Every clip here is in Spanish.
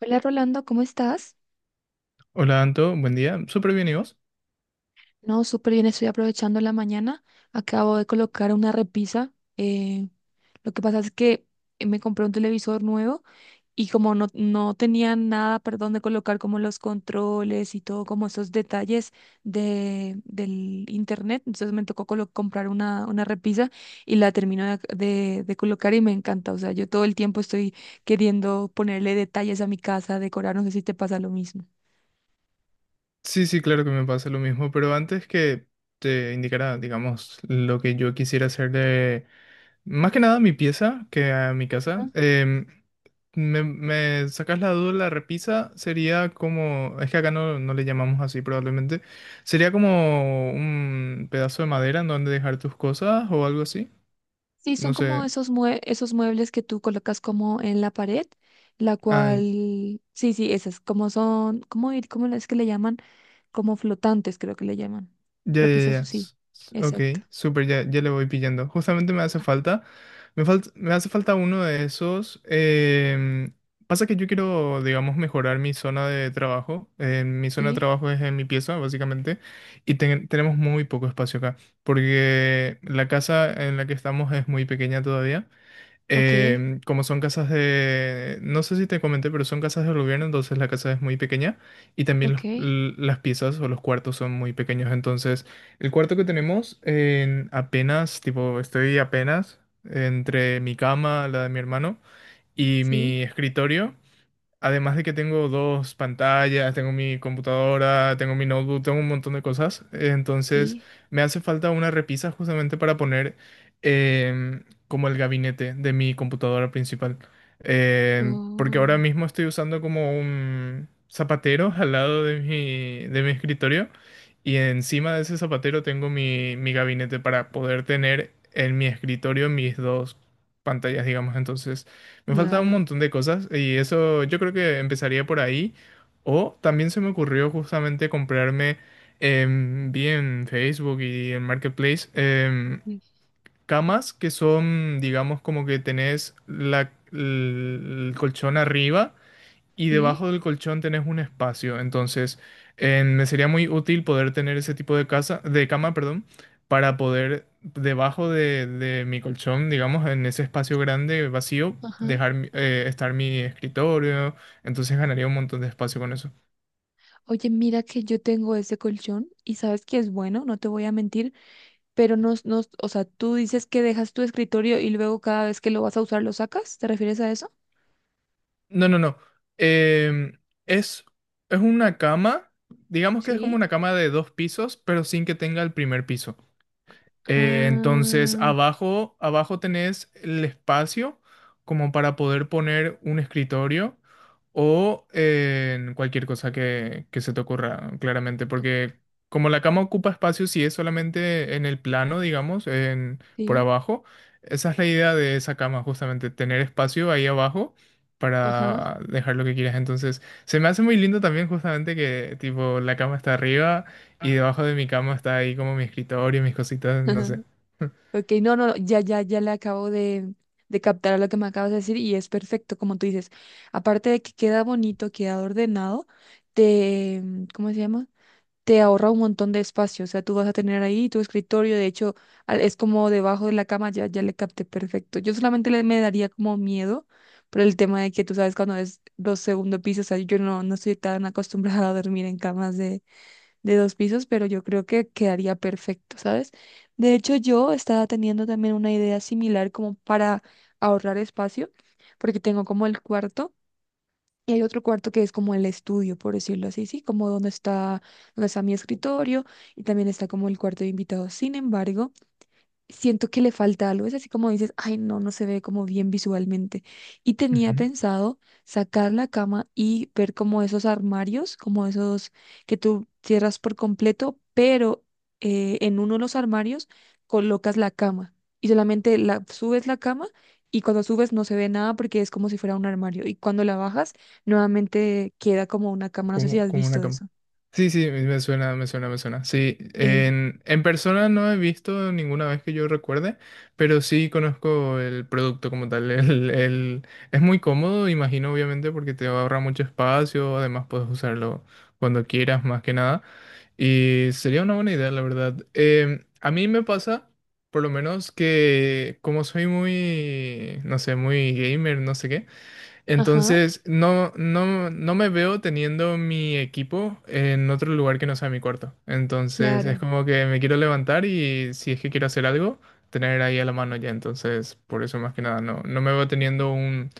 Hola Rolando, ¿cómo estás? Hola Anto, buen día. ¿Súper bien y vos? No, súper bien, estoy aprovechando la mañana. Acabo de colocar una repisa. Lo que pasa es que me compré un televisor nuevo y como no tenía nada, perdón, de colocar como los controles y todo, como esos detalles del internet. Entonces me tocó comprar una repisa y la termino de colocar y me encanta. O sea, yo todo el tiempo estoy queriendo ponerle detalles a mi casa, decorar, no sé si te pasa lo mismo. Sí, sí, claro que me pasa lo mismo, pero antes que te indicara, digamos, lo que yo quisiera hacer de, más que nada mi pieza, que a mi casa, me, me sacas la duda, la repisa sería como, es que acá no le llamamos así probablemente, sería como un pedazo de madera en donde dejar tus cosas o algo así, Sí, no son como sé. esos, esos muebles que tú colocas como en la pared, la Ah, cual, sí, sí, esas, como son, ¿cómo, cómo es que le llaman? Como flotantes, creo que le llaman. ya, ya, Repisas, ya. sí, Ok, exacto. súper, ya, ya le voy pillando. Justamente me hace falta. Me falta, me hace falta uno de esos. Pasa que yo quiero, digamos, mejorar mi zona de trabajo. Mi zona de Sí, trabajo es en mi pieza, básicamente. Y tenemos muy poco espacio acá. Porque la casa en la que estamos es muy pequeña todavía. ok, Como son casas de, no sé si te comenté, pero son casas del gobierno, entonces la casa es muy pequeña y también ok, las piezas o los cuartos son muy pequeños. Entonces, el cuarto que tenemos en apenas, tipo, estoy apenas entre mi cama, la de mi hermano y sí, mi escritorio. Además de que tengo dos pantallas, tengo mi computadora, tengo mi notebook, tengo un montón de cosas. Entonces sí, me hace falta una repisa justamente para poner como el gabinete de mi computadora principal. Porque ahora oh, mismo estoy usando como un zapatero al lado de mi escritorio y encima de ese zapatero tengo mi, mi gabinete para poder tener en mi escritorio mis dos pantallas, digamos. Entonces, me falta un claro, montón de cosas y eso yo creo que empezaría por ahí. O también se me ocurrió justamente comprarme, vi en Facebook y en Marketplace, sí, camas que son, digamos, como que tenés la, el colchón arriba y sí, debajo del colchón tenés un espacio. Entonces, me sería muy útil poder tener ese tipo de casa, de cama, perdón, para poder debajo de mi colchón, digamos, en ese espacio grande, vacío, ajá. dejar estar mi escritorio. Entonces ganaría un montón de espacio con eso. Oye, mira que yo tengo ese colchón y sabes que es bueno, no te voy a mentir, pero no, no, o sea, tú dices que dejas tu escritorio y luego cada vez que lo vas a usar lo sacas, ¿te refieres a eso? No, no, no. Em, es, es una cama, digamos que es como Sí. una cama de dos pisos, pero sin que tenga el primer piso. Entonces, Ah, abajo, abajo tenés el espacio como para poder poner un escritorio o cualquier cosa que se te ocurra, claramente, porque como la cama ocupa espacio, si es solamente en el plano, digamos, en, por ok. abajo, esa es la idea de esa cama, justamente, tener espacio ahí abajo Ajá. para dejar lo que quieras. Entonces, se me hace muy lindo también justamente que tipo la cama está arriba y debajo de mi cama está ahí como mi escritorio, mis cositas, no ajá. sé. Ok, no, no, ya, ya, ya le acabo de captar a lo que me acabas de decir y es perfecto, como tú dices. Aparte de que queda bonito, queda ordenado, te, ¿cómo se llama? Te ahorra un montón de espacio. O sea, tú vas a tener ahí tu escritorio. De hecho, es como debajo de la cama, ya, ya le capté perfecto. Yo solamente le, me daría como miedo por el tema de que tú sabes cuando es los segundos pisos. O sea, yo no estoy tan acostumbrada a dormir en camas de dos pisos, pero yo creo que quedaría perfecto, ¿sabes? De hecho, yo estaba teniendo también una idea similar como para ahorrar espacio, porque tengo como el cuarto y hay otro cuarto que es como el estudio, por decirlo así, sí, como donde está mi escritorio y también está como el cuarto de invitados. Sin embargo, siento que le falta algo. Es así como dices, ay, no se ve como bien visualmente. Y tenía Ujú. pensado sacar la cama y ver como esos armarios, como esos que tú cierras por completo, pero en uno de los armarios colocas la cama y solamente subes la cama. Y cuando subes no se ve nada porque es como si fuera un armario. Y cuando la bajas, nuevamente queda como una cama. No sé si Como, has como una visto cama. eso. Sí, sí, me suena, me suena, me suena. Sí, Eh, en persona no he visto ninguna vez que yo recuerde, pero sí conozco el producto como tal. El- es muy cómodo, imagino, obviamente, porque te ahorra mucho espacio, además puedes usarlo cuando quieras, más que nada. Y sería una buena idea, la verdad. A mí me pasa, por lo menos, que como soy muy, no sé, muy gamer, no sé qué. ajá, Entonces, no me veo teniendo mi equipo en otro lugar que no sea mi cuarto. Entonces, es claro. como que me quiero levantar y si es que quiero hacer algo, tener ahí a la mano ya. Entonces, por eso más que nada, no me veo teniendo un,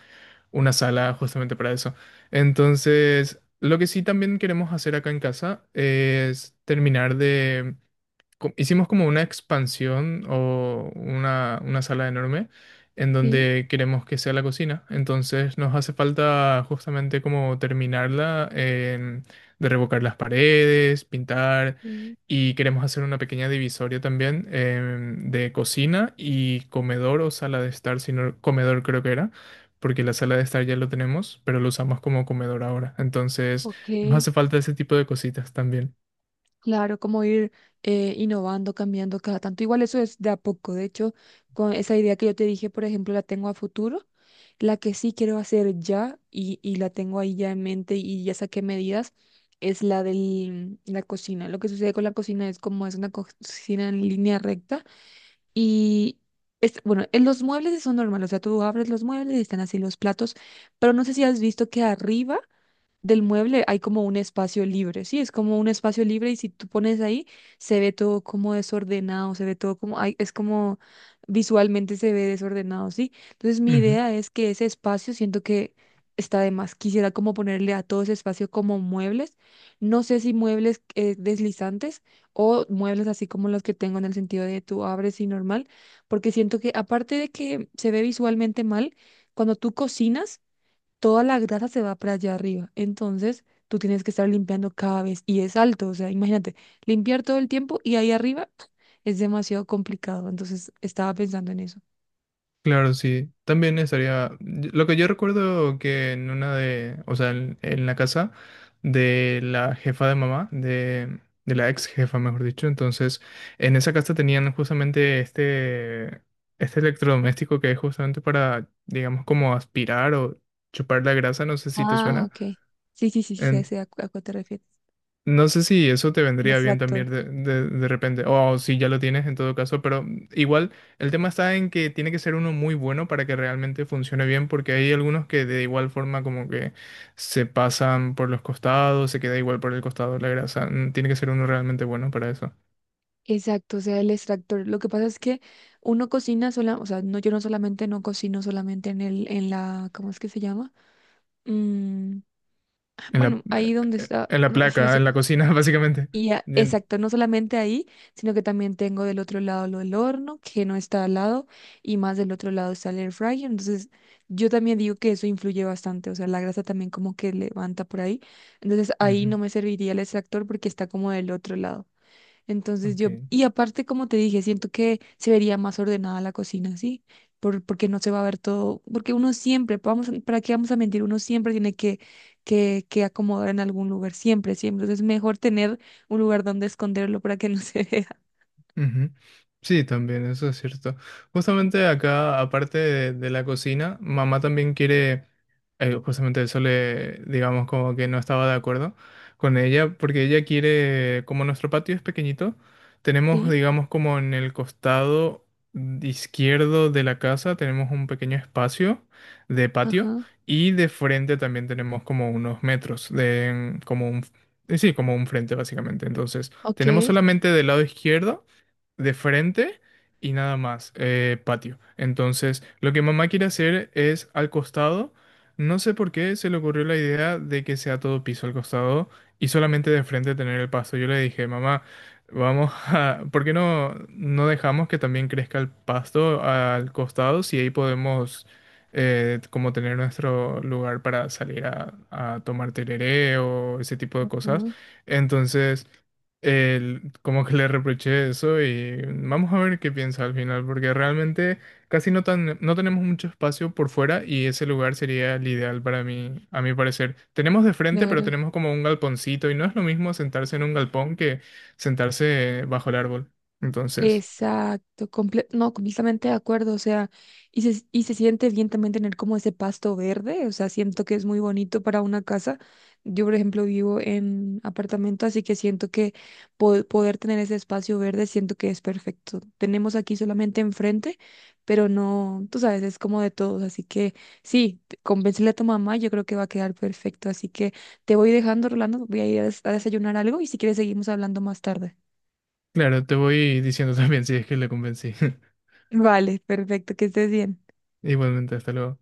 una sala justamente para eso. Entonces, lo que sí también queremos hacer acá en casa es terminar de hicimos como una expansión o una sala enorme en Sí, donde queremos que sea la cocina. Entonces nos hace falta justamente como terminarla, de revocar las paredes, pintar sí. y queremos hacer una pequeña divisoria también de cocina y comedor o sala de estar, sino comedor creo que era. Porque la sala de estar ya lo tenemos, pero lo usamos como comedor ahora. Entonces, Ok. nos hace falta ese tipo de cositas también. Claro, como ir innovando, cambiando cada tanto. Igual eso es de a poco. De hecho, con esa idea que yo te dije, por ejemplo, la tengo a futuro. La que sí quiero hacer ya y la tengo ahí ya en mente y ya saqué medidas es la de la cocina. Lo que sucede con la cocina es como es una cocina en línea recta y es, bueno, en los muebles son normales. O sea, tú abres los muebles y están así los platos, pero no sé si has visto que arriba del mueble hay como un espacio libre, sí, es como un espacio libre y si tú pones ahí, se ve todo como desordenado, se ve todo como, ay, es como visualmente se ve desordenado, sí. Entonces mi Ujú. idea es que ese espacio siento que está de más. Quisiera como ponerle a todo ese espacio como muebles, no sé si muebles deslizantes o muebles así como los que tengo en el sentido de tú abres y normal, porque siento que aparte de que se ve visualmente mal, cuando tú cocinas, toda la grasa se va para allá arriba. Entonces, tú tienes que estar limpiando cada vez y es alto, o sea, imagínate, limpiar todo el tiempo y ahí arriba es demasiado complicado. Entonces, estaba pensando en eso. Claro, sí. También estaría. Lo que yo recuerdo que en una de. O sea, en la casa de la jefa de mamá, de la ex jefa, mejor dicho. Entonces, en esa casa tenían justamente este. Este electrodoméstico que es justamente para, digamos, como aspirar o chupar la grasa. No sé si te Ah, suena. ok. Sí, sí, sí, sí, sé, a cuál te refieres. No sé si eso te El vendría bien extractor. también de repente, o si ya lo tienes en todo caso, pero igual el tema está en que tiene que ser uno muy bueno para que realmente funcione bien, porque hay algunos que de igual forma como que se pasan por los costados, se queda igual por el costado la grasa. Tiene que ser uno realmente bueno para eso. Exacto, o sea, el extractor. Lo que pasa es que uno cocina sola, o sea, no, yo no solamente no cocino solamente en en la, ¿cómo es que se llama? Mm, bueno, ahí donde está, En la no, ay, no placa, sé. en la cocina, básicamente. Y Bien. exacto, no solamente ahí, sino que también tengo del otro lado lo del horno, que no está al lado, y más del otro lado está el air fryer. Entonces, yo también digo que eso influye bastante, o sea, la grasa también como que levanta por ahí. Entonces, ahí Ujú. no me serviría el extractor porque está como del otro lado. Entonces Ok. yo, y aparte, como te dije, siento que se vería más ordenada la cocina, ¿sí? Porque no se va a ver todo, porque uno siempre, vamos, ¿para qué vamos a mentir? Uno siempre tiene que acomodar en algún lugar, siempre, siempre. Entonces es mejor tener un lugar donde esconderlo para que no se vea. Ujú. Sí, también, eso es cierto. Justamente acá, aparte de la cocina, mamá también quiere, justamente eso le, digamos, como que no estaba de acuerdo con ella, porque ella quiere, como nuestro patio es pequeñito, tenemos, Sí, digamos, como en el costado izquierdo de la casa, tenemos un pequeño espacio de patio ajá, y de frente también tenemos como unos metros de, como un, sí, como un frente básicamente. Entonces, ok, tenemos solamente del lado izquierdo de frente y nada más, patio. Entonces, lo que mamá quiere hacer es al costado. No sé por qué se le ocurrió la idea de que sea todo piso al costado y solamente de frente tener el pasto. Yo le dije, mamá, vamos a, ¿por qué no dejamos que también crezca el pasto al costado si ahí podemos como tener nuestro lugar para salir a tomar tereré o ese tipo de cosas? ajá, Entonces como que le reproché eso y vamos a ver qué piensa al final, porque realmente casi no, tan, no tenemos mucho espacio por fuera y ese lugar sería el ideal para mí, a mi parecer. Tenemos de frente, pero claro. tenemos como un galponcito y no es lo mismo sentarse en un galpón que sentarse bajo el árbol. Entonces, Exacto, no, completamente de acuerdo, o sea, y se siente bien también tener como ese pasto verde, o sea, siento que es muy bonito para una casa. Yo, por ejemplo, vivo en apartamento, así que siento que poder tener ese espacio verde, siento que es perfecto. Tenemos aquí solamente enfrente, pero no, tú sabes, es como de todos, así que sí, convéncele a tu mamá, yo creo que va a quedar perfecto, así que te voy dejando, Rolando, voy a ir a a desayunar algo y si quieres seguimos hablando más tarde. claro, te voy diciendo también si es que le convencí. Vale, perfecto, que estés bien. Igualmente, hasta luego.